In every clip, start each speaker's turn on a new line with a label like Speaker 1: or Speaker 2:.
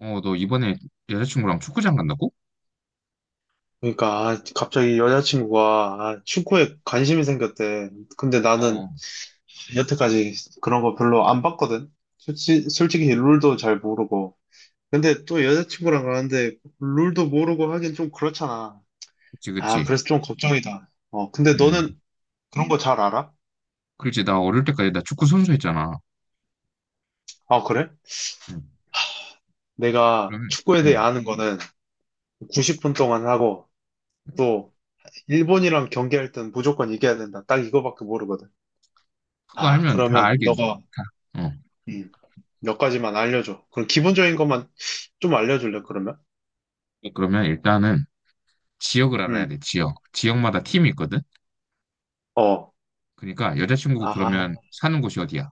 Speaker 1: 어, 너 이번에 여자친구랑 축구장 간다고?
Speaker 2: 그러니까 아, 갑자기 여자친구가 아, 축구에 관심이 생겼대. 근데 나는
Speaker 1: 어,
Speaker 2: 여태까지 그런 거 별로 안 봤거든. 솔직히, 룰도 잘 모르고. 근데 또 여자친구랑 가는데 룰도 모르고 하긴 좀 그렇잖아.
Speaker 1: 그치,
Speaker 2: 아,
Speaker 1: 그치.
Speaker 2: 그래서 좀 걱정이다. 어, 근데
Speaker 1: 음,
Speaker 2: 너는 그런 거 잘 알아?
Speaker 1: 그렇지. 나 어릴 때까지 나 축구 선수했잖아.
Speaker 2: 아, 그래?
Speaker 1: 음,
Speaker 2: 내가
Speaker 1: 그러면,
Speaker 2: 축구에 대해
Speaker 1: 음,
Speaker 2: 아는 거는 90분 동안 하고 또 일본이랑 경기할 땐 무조건 이겨야 된다. 딱 이거밖에 모르거든.
Speaker 1: 그거
Speaker 2: 아,
Speaker 1: 알면 다
Speaker 2: 그러면
Speaker 1: 알긴,
Speaker 2: 너가
Speaker 1: 다. 어.
Speaker 2: 음, 몇 가지만 알려줘. 그럼 기본적인 것만 좀 알려줄래, 그러면?
Speaker 1: 그러면 일단은 지역을 알아야
Speaker 2: 음,
Speaker 1: 돼, 지역.
Speaker 2: 음.
Speaker 1: 지역마다 팀이 있거든?
Speaker 2: 어.
Speaker 1: 그러니까 여자친구
Speaker 2: 아,
Speaker 1: 그러면 사는 곳이 어디야?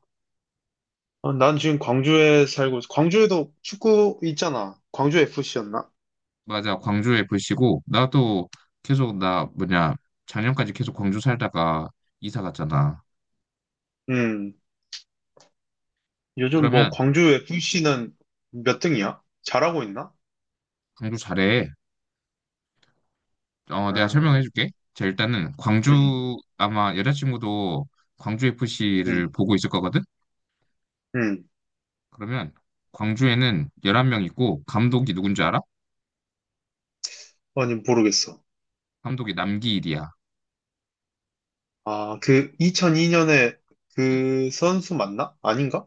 Speaker 2: 어, 난 지금 광주에 살고, 광주에도 축구 있잖아. 광주 FC였나?
Speaker 1: 맞아, 광주 에 f 시고 나도 계속, 나, 뭐냐, 작년까지 계속 광주 살다가 이사 갔잖아.
Speaker 2: 음, 요즘 뭐
Speaker 1: 그러면
Speaker 2: 광주 FC는 몇 등이야? 잘하고 있나?
Speaker 1: 광주 잘해. 어,
Speaker 2: 아,
Speaker 1: 내가 설명해줄게. 자, 일단은
Speaker 2: 음,
Speaker 1: 광주 아마 여자친구도 광주 FC를
Speaker 2: 음,
Speaker 1: 보고 있을 거거든.
Speaker 2: 음.
Speaker 1: 그러면 광주에는 11명 있고 감독이 누군지 알아?
Speaker 2: 아니, 모르겠어.
Speaker 1: 감독이 남기일이야.
Speaker 2: 아, 그 2002년에
Speaker 1: 응.
Speaker 2: 그 선수 맞나? 아닌가?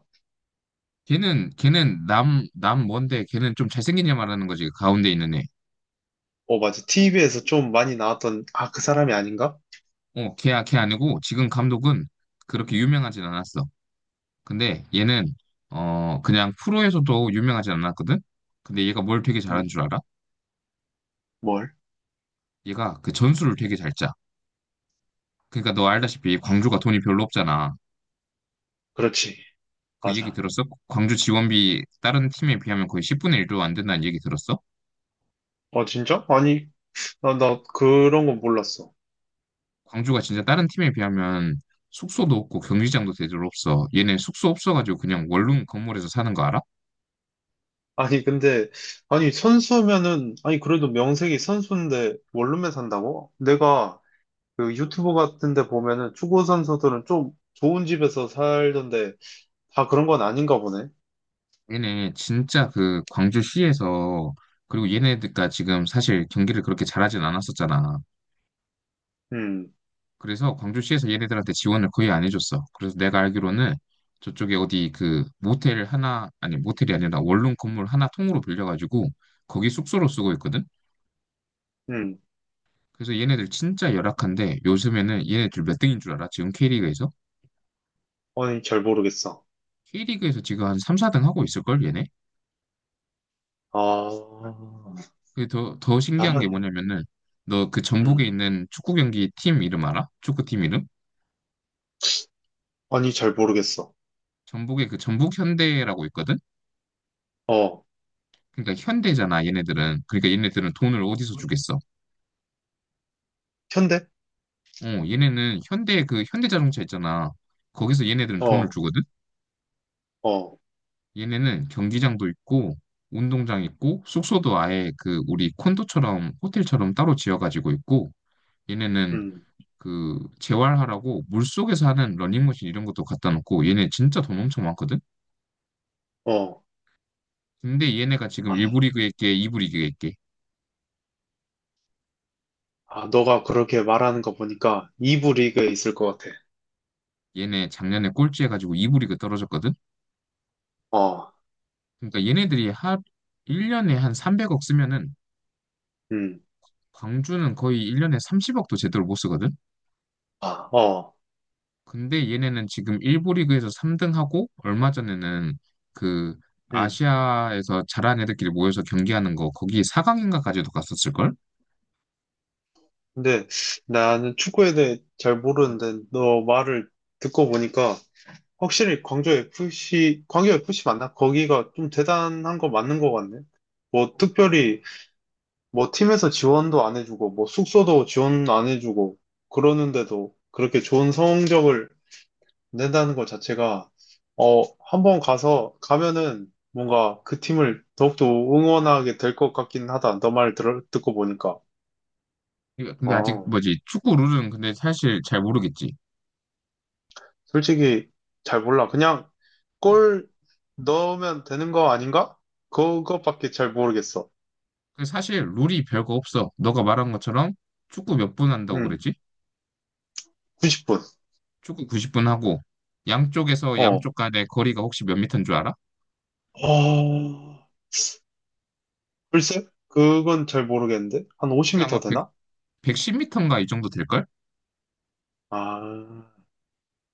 Speaker 1: 걔는 걔는 남 남 뭔데 걔는 좀 잘생긴 애 말하는 거지. 그 가운데 있는 애.
Speaker 2: 어, 맞아. TV에서 좀 많이 나왔던, 아, 그 사람이 아닌가?
Speaker 1: 어, 걔야 걔 아니고 지금 감독은 그렇게 유명하진 않았어. 근데 얘는 그냥 프로에서도 유명하진 않았거든. 근데 얘가 뭘 되게 잘하는 줄
Speaker 2: 음,
Speaker 1: 알아?
Speaker 2: 뭘?
Speaker 1: 얘가 그 전술을 되게 잘 짜. 그러니까 너 알다시피 광주가 돈이 별로 없잖아.
Speaker 2: 그렇지.
Speaker 1: 그 얘기
Speaker 2: 맞아.
Speaker 1: 들었어? 광주 지원비 다른 팀에 비하면 거의 10분의 1도 안 된다는 얘기 들었어?
Speaker 2: 아, 진짜? 아니, 나 그런 거 몰랐어.
Speaker 1: 광주가 진짜 다른 팀에 비하면 숙소도 없고 경기장도 제대로 없어. 얘네 숙소 없어가지고 그냥 원룸 건물에서 사는 거 알아?
Speaker 2: 아니, 근데, 아니, 선수면은, 아니, 그래도 명색이 선수인데 원룸에 산다고? 내가 그 유튜브 같은 데 보면은 축구 선수들은 좀 좋은 집에서 살던데 다 그런 건 아닌가 보네.
Speaker 1: 얘네 진짜 그 광주시에서. 그리고 얘네가 지금 사실 경기를 그렇게 잘하진 않았었잖아.
Speaker 2: 음,
Speaker 1: 그래서 광주시에서 얘네들한테 지원을 거의 안 해줬어. 그래서 내가 알기로는 저쪽에 어디 그 모텔 하나, 아니 모텔이 아니라 원룸 건물 하나 통으로 빌려가지고 거기 숙소로 쓰고 있거든?
Speaker 2: 음.
Speaker 1: 그래서 얘네들 진짜 열악한데 요즘에는 얘네들 몇 등인 줄 알아? 지금 K리그에서?
Speaker 2: 아니, 잘 모르겠어.
Speaker 1: K리그에서 지금 한 3, 4등 하고 있을걸, 얘네?
Speaker 2: 아,
Speaker 1: 그게 더 신기한 게
Speaker 2: 잘하네.
Speaker 1: 뭐냐면은 너 그 전북에
Speaker 2: 음.
Speaker 1: 있는 축구 경기 팀 이름 알아? 축구팀 이름?
Speaker 2: 아니, 잘 모르겠어.
Speaker 1: 전북에 그 전북 현대라고 있거든?
Speaker 2: 어.
Speaker 1: 그러니까 현대잖아, 얘네들은. 그러니까 얘네들은 돈을 어디서 주겠어?
Speaker 2: 현대?
Speaker 1: 어, 얘네는 현대 그 현대 자동차 있잖아. 거기서 얘네들은 돈을
Speaker 2: 어,
Speaker 1: 주거든.
Speaker 2: 어,
Speaker 1: 얘네는 경기장도 있고 운동장 있고 숙소도 아예 그 우리 콘도처럼 호텔처럼 따로 지어가지고 있고 얘네는
Speaker 2: 음,
Speaker 1: 그 재활하라고 물속에서 하는 러닝머신 이런 것도 갖다 놓고 얘네 진짜 돈 엄청 많거든.
Speaker 2: 어.
Speaker 1: 근데 얘네가 지금 1부
Speaker 2: 아,
Speaker 1: 리그에 있게 2부 리그에 있게
Speaker 2: 아, 너가 그렇게 말하는 거 보니까 2부 리그에 있을 것 같아.
Speaker 1: 얘네 작년에 꼴찌 해가지고 2부 리그 떨어졌거든.
Speaker 2: 어,
Speaker 1: 그러니까 얘네들이 한 1년에 한 300억 쓰면은
Speaker 2: 음,
Speaker 1: 광주는 거의 1년에 30억도 제대로 못 쓰거든.
Speaker 2: 아, 어,
Speaker 1: 근데 얘네는 지금 일부 리그에서 3등하고 얼마 전에는 그
Speaker 2: 음.
Speaker 1: 아시아에서 잘한 애들끼리 모여서 경기하는 거 거기 4강인가까지도 갔었을걸?
Speaker 2: 근데 나는 축구에 대해 잘 모르는데 너 말을 듣고 보니까 확실히 광주 FC, 광주 FC 맞나? 거기가 좀 대단한 거 맞는 것 같네. 뭐 특별히 뭐 팀에서 지원도 안 해주고 뭐 숙소도 지원 안 해주고 그러는데도 그렇게 좋은 성적을 낸다는 것 자체가, 어, 한번 가서, 가면은 뭔가 그 팀을 더욱더 응원하게 될 것 같긴 하다. 너 듣고 보니까.
Speaker 1: 이거 근데 아직
Speaker 2: 어,
Speaker 1: 뭐지 축구 룰은 근데 사실 잘 모르겠지.
Speaker 2: 솔직히 잘 몰라. 그냥
Speaker 1: 음.
Speaker 2: 골 넣으면 되는 거 아닌가? 그것밖에 잘 모르겠어.
Speaker 1: 근데 사실 룰이 별거 없어. 너가 말한 것처럼 축구 몇 분 한다고
Speaker 2: 응,
Speaker 1: 그랬지?
Speaker 2: 90분.
Speaker 1: 축구 90분 하고 양쪽에서
Speaker 2: 어.
Speaker 1: 양쪽 간의 거리가 혹시 몇 미터인 줄 알아?
Speaker 2: 어, 글쎄? 그건 잘 모르겠는데? 한
Speaker 1: 그게 아마
Speaker 2: 50m
Speaker 1: 100,
Speaker 2: 되나?
Speaker 1: 110미터인가 이 정도 될걸?
Speaker 2: 아,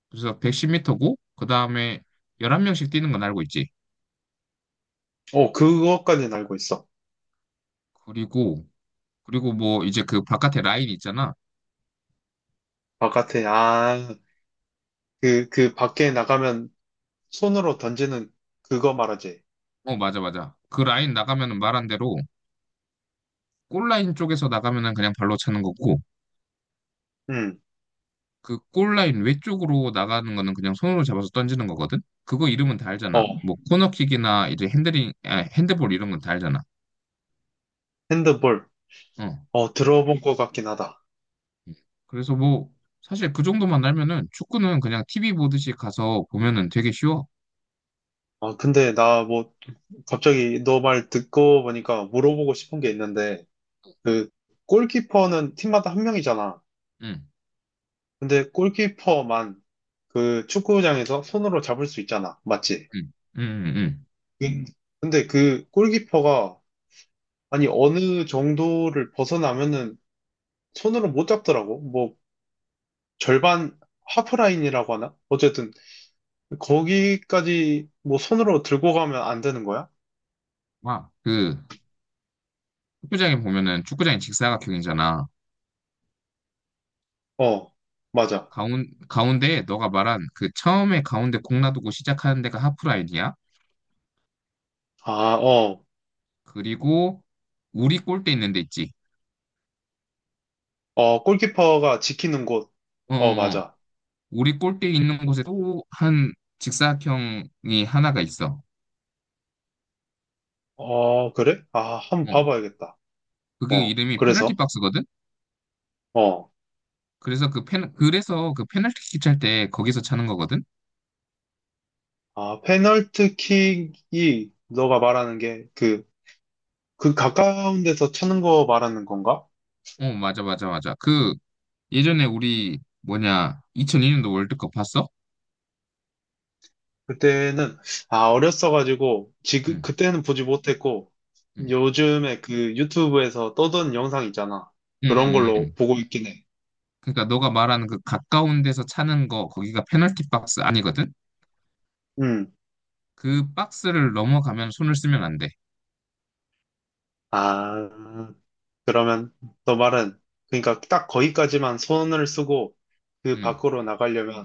Speaker 1: 그래서 110미터고 그다음에 11명씩 뛰는 건 알고 있지.
Speaker 2: 어, 그것까지는 알고 있어.
Speaker 1: 그리고 그리고 뭐 이제 그 바깥에 라인 있잖아.
Speaker 2: 바깥에, 아, 그 밖에 나가면 손으로 던지는 그거 말하지.
Speaker 1: 어, 맞아, 맞아. 그 라인 나가면은 말한 대로 골라인 쪽에서 나가면은 그냥 발로 차는 거고
Speaker 2: 응,
Speaker 1: 그 골라인 외쪽으로 나가는 거는 그냥 손으로 잡아서 던지는 거거든. 그거 이름은 다 알잖아.
Speaker 2: 어,
Speaker 1: 뭐 코너킥이나 이제 핸들링, 아, 핸드볼 이런 건 다 알잖아.
Speaker 2: 핸드볼.
Speaker 1: 어.
Speaker 2: 어, 들어본 것 같긴 하다.
Speaker 1: 음. 그래서 뭐 사실 그 정도만 알면은 축구는 그냥 TV 보듯이 가서
Speaker 2: 음.
Speaker 1: 보면은 되게 쉬워.
Speaker 2: 아, 근데 나 뭐, 갑자기 너 말 듣고 보니까 물어보고 싶은 게 있는데, 그, 골키퍼는 팀마다 한 명이잖아.
Speaker 1: 응,
Speaker 2: 근데 골키퍼만 그 축구장에서 손으로 잡을 수 있잖아. 맞지?
Speaker 1: 응, 응, 응. 응.
Speaker 2: 음. 근데 그 골키퍼가, 아니, 어느 정도를 벗어나면은 손으로 못 잡더라고. 뭐, 절반 하프라인이라고 하나? 어쨌든 거기까지 뭐 손으로 들고 가면 안 되는 거야?
Speaker 1: 와, 그 축구장에 보면은 축구장이 직사각형이잖아.
Speaker 2: 어, 맞아.
Speaker 1: 가운데 너가 말한 그 처음에 가운데 공 놔두고 시작하는 데가 하프라인이야.
Speaker 2: 아, 어,
Speaker 1: 그리고 우리 골대 있는 데 있지.
Speaker 2: 어, 골키퍼가 지키는 곳.
Speaker 1: 어, 어,
Speaker 2: 어,
Speaker 1: 어.
Speaker 2: 맞아.
Speaker 1: 우리 골대 있는 곳에 또 한 직사각형이 하나가 있어.
Speaker 2: 어, 그래? 아, 한번
Speaker 1: 어.
Speaker 2: 봐봐야겠다.
Speaker 1: 그게
Speaker 2: 어,
Speaker 1: 이름이 페널티
Speaker 2: 그래서,
Speaker 1: 박스거든.
Speaker 2: 어,
Speaker 1: 그래서 그 페널티킥 찰 때 거기서 차는 거거든.
Speaker 2: 아, 페널티킥이 너가 말하는 게 그, 그 가까운 데서 차는 거 말하는 건가?
Speaker 1: 어, 맞아, 맞아, 맞아. 그 예전에 우리 뭐냐 2002년도 월드컵 봤어?
Speaker 2: 그때는, 아, 어렸어가지고, 지금,
Speaker 1: 응,
Speaker 2: 그때는 보지 못했고,
Speaker 1: 응,
Speaker 2: 요즘에 그 유튜브에서 떠도는 영상 있잖아.
Speaker 1: 응,
Speaker 2: 그런
Speaker 1: 응. 응.
Speaker 2: 걸로 보고 있긴 해.
Speaker 1: 그러니까 너가 말하는 그 가까운 데서 차는 거 거기가 페널티 박스 아니거든?
Speaker 2: 음.
Speaker 1: 그 박스를 넘어가면 손을 쓰면 안 돼.
Speaker 2: 아, 그러면 너 말은, 그러니까 딱 거기까지만 손을 쓰고 그
Speaker 1: 응.
Speaker 2: 밖으로 나가려면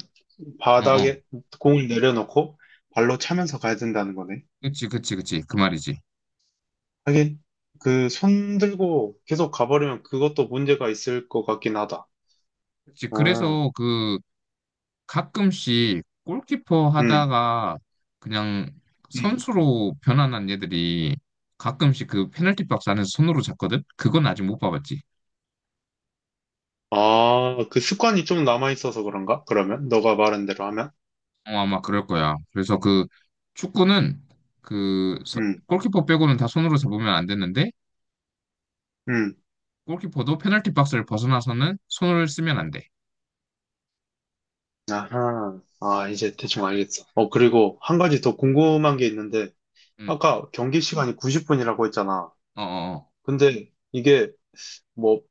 Speaker 1: 어, 어.
Speaker 2: 바닥에 공을 내려놓고 발로 차면서 가야 된다는 거네.
Speaker 1: 그치, 그치, 그치. 그 말이지.
Speaker 2: 하긴, 그 손 들고 계속 가버리면 그것도 문제가 있을 것 같긴 하다.
Speaker 1: 그치.
Speaker 2: 아,
Speaker 1: 그래서 그 가끔씩 골키퍼
Speaker 2: 음,
Speaker 1: 하다가 그냥
Speaker 2: 음.
Speaker 1: 선수로 변환한 애들이 가끔씩 그 페널티 박스 안에서 손으로 잡거든? 그건 아직 못 봐봤지.
Speaker 2: 아, 그 습관이 좀 남아있어서 그런가? 그러면? 너가 말한 대로 하면?
Speaker 1: 어, 아마 그럴 거야. 그래서 그 축구는 그
Speaker 2: 음,
Speaker 1: 골키퍼 빼고는 다 손으로 잡으면 안 되는데
Speaker 2: 음.
Speaker 1: 골키퍼도 페널티 박스를 벗어나서는 손을 쓰면 안 돼.
Speaker 2: 아하. 아, 이제 대충 알겠어. 어, 그리고 한 가지 더 궁금한 게 있는데,
Speaker 1: 응.
Speaker 2: 아까 경기 시간이 90분이라고 했잖아.
Speaker 1: 어, 어,
Speaker 2: 근데 이게 뭐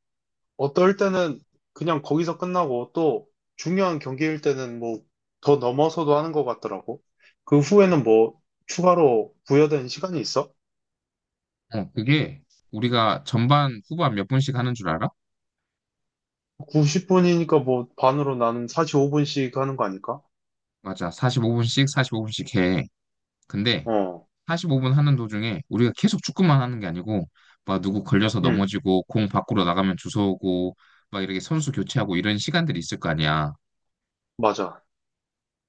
Speaker 2: 어떨 때는 그냥 거기서 끝나고 또 중요한 경기일 때는 뭐 더 넘어서도 하는 것 같더라고. 그 후에는 뭐 추가로 부여된 시간이 있어?
Speaker 1: 어. 어, 그게 우리가 전반, 후반 몇 분씩 하는 줄 알아?
Speaker 2: 90분이니까 뭐 반으로 나는 45분씩 하는 거 아닐까?
Speaker 1: 맞아. 45분씩, 45분씩 해. 근데
Speaker 2: 어,
Speaker 1: 45분 하는 도중에 우리가 계속 축구만 하는 게 아니고 막 누구 걸려서
Speaker 2: 음,
Speaker 1: 넘어지고 공 밖으로 나가면 주워오고 막 이렇게 선수 교체하고 이런 시간들이 있을 거 아니야.
Speaker 2: 맞아.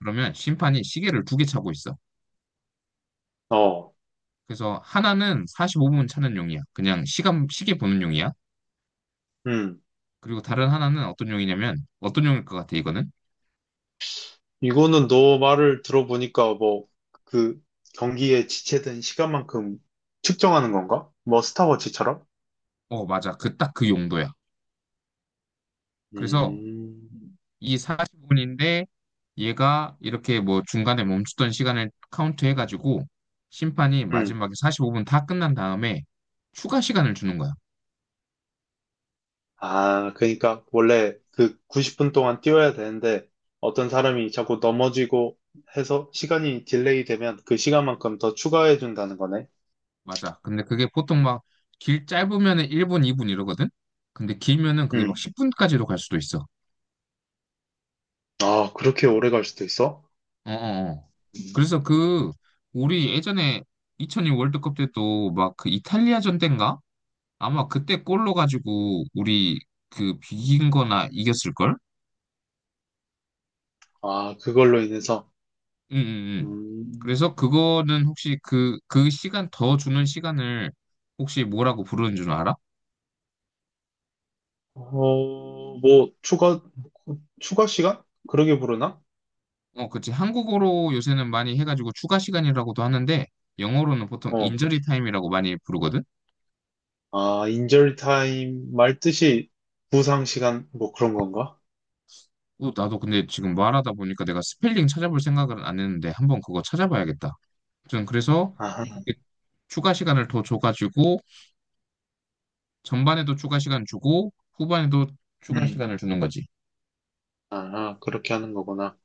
Speaker 1: 그러면 심판이 시계를 2개 차고 있어.
Speaker 2: 어,
Speaker 1: 그래서 하나는 45분 차는 용이야. 그냥 시간 시계 보는 용이야.
Speaker 2: 음.
Speaker 1: 그리고 다른 하나는 어떤 용이냐면 어떤 용일 것 같아 이거는?
Speaker 2: 이거는 너 말을 들어보니까 뭐 그 경기에 지체된 시간만큼 측정하는 건가? 뭐 스타워치처럼?
Speaker 1: 어, 맞아. 그 딱 그 용도야. 그래서
Speaker 2: 음,
Speaker 1: 이 45분인데 얘가 이렇게 뭐 중간에 멈추던 시간을 카운트 해가지고 심판이
Speaker 2: 음.
Speaker 1: 마지막에 45분 다 끝난 다음에 추가 시간을 주는 거야.
Speaker 2: 아, 그러니까 원래 그 90분 동안 뛰어야 되는데 어떤 사람이 자꾸 넘어지고 해서 시간이 딜레이 되면 그 시간만큼 더 추가해 준다는 거네.
Speaker 1: 맞아. 근데 그게 보통 막 길 짧으면은 1분, 2분 이러거든? 근데 길면은 그게 막
Speaker 2: 음.
Speaker 1: 10분까지도 갈 수도 있어.
Speaker 2: 아, 그렇게 오래 갈 수도 있어?
Speaker 1: 어어어.
Speaker 2: 음.
Speaker 1: 그래서 그 우리 예전에 2002 월드컵 때도 막 그 이탈리아전 때인가? 아마 그때 골로 가지고 우리 그 비긴 거나 이겼을걸?
Speaker 2: 아, 그걸로 인해서
Speaker 1: 응, 응, 응.
Speaker 2: 음.
Speaker 1: 그래서 그거는 혹시 그 시간 더 주는 시간을 혹시 뭐라고 부르는 줄 알아?
Speaker 2: 어, 뭐 추가 시간? 그러게 부르나?
Speaker 1: 어, 그치. 한국어로 요새는 많이 해가지고 추가 시간이라고도 하는데 영어로는 보통
Speaker 2: 어.
Speaker 1: 인저리 타임이라고 많이 부르거든?
Speaker 2: 아, 인절 타임 말 뜻이 부상 시간 뭐 그런 건가?
Speaker 1: 어, 나도 근데 지금 말하다 보니까 내가 스펠링 찾아볼 생각은 안 했는데 한번 그거 찾아봐야겠다. 아무튼 그래서
Speaker 2: 아
Speaker 1: 그렇게 추가 시간을 더 줘가지고 전반에도 추가 시간 주고 후반에도 추가
Speaker 2: 음.
Speaker 1: 시간을 주는 거지.
Speaker 2: 아, 그렇게 하는 거구나.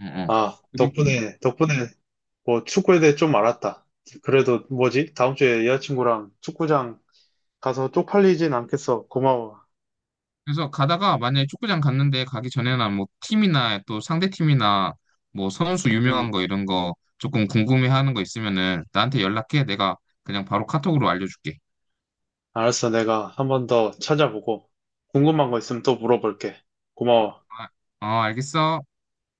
Speaker 1: 응, 응.
Speaker 2: 아,
Speaker 1: 그리고.
Speaker 2: 덕분에, 덕분에 뭐 축구에 대해 좀 알았다. 그래도 뭐지? 다음 주에 여자친구랑 축구장 가서 쪽팔리진 않겠어. 고마워.
Speaker 1: 그래서 가다가 만약에 축구장 갔는데 가기 전에나 뭐 팀이나 또 상대 팀이나 뭐 선수 유명한
Speaker 2: 음,
Speaker 1: 거 이런 거 조금 궁금해하는 거 있으면은 나한테 연락해. 내가 그냥 바로 카톡으로 알려줄게.
Speaker 2: 알았어. 내가 한번 더 찾아보고 궁금한 거 있으면 또 물어볼게. 고마워.
Speaker 1: 아, 어, 알겠어.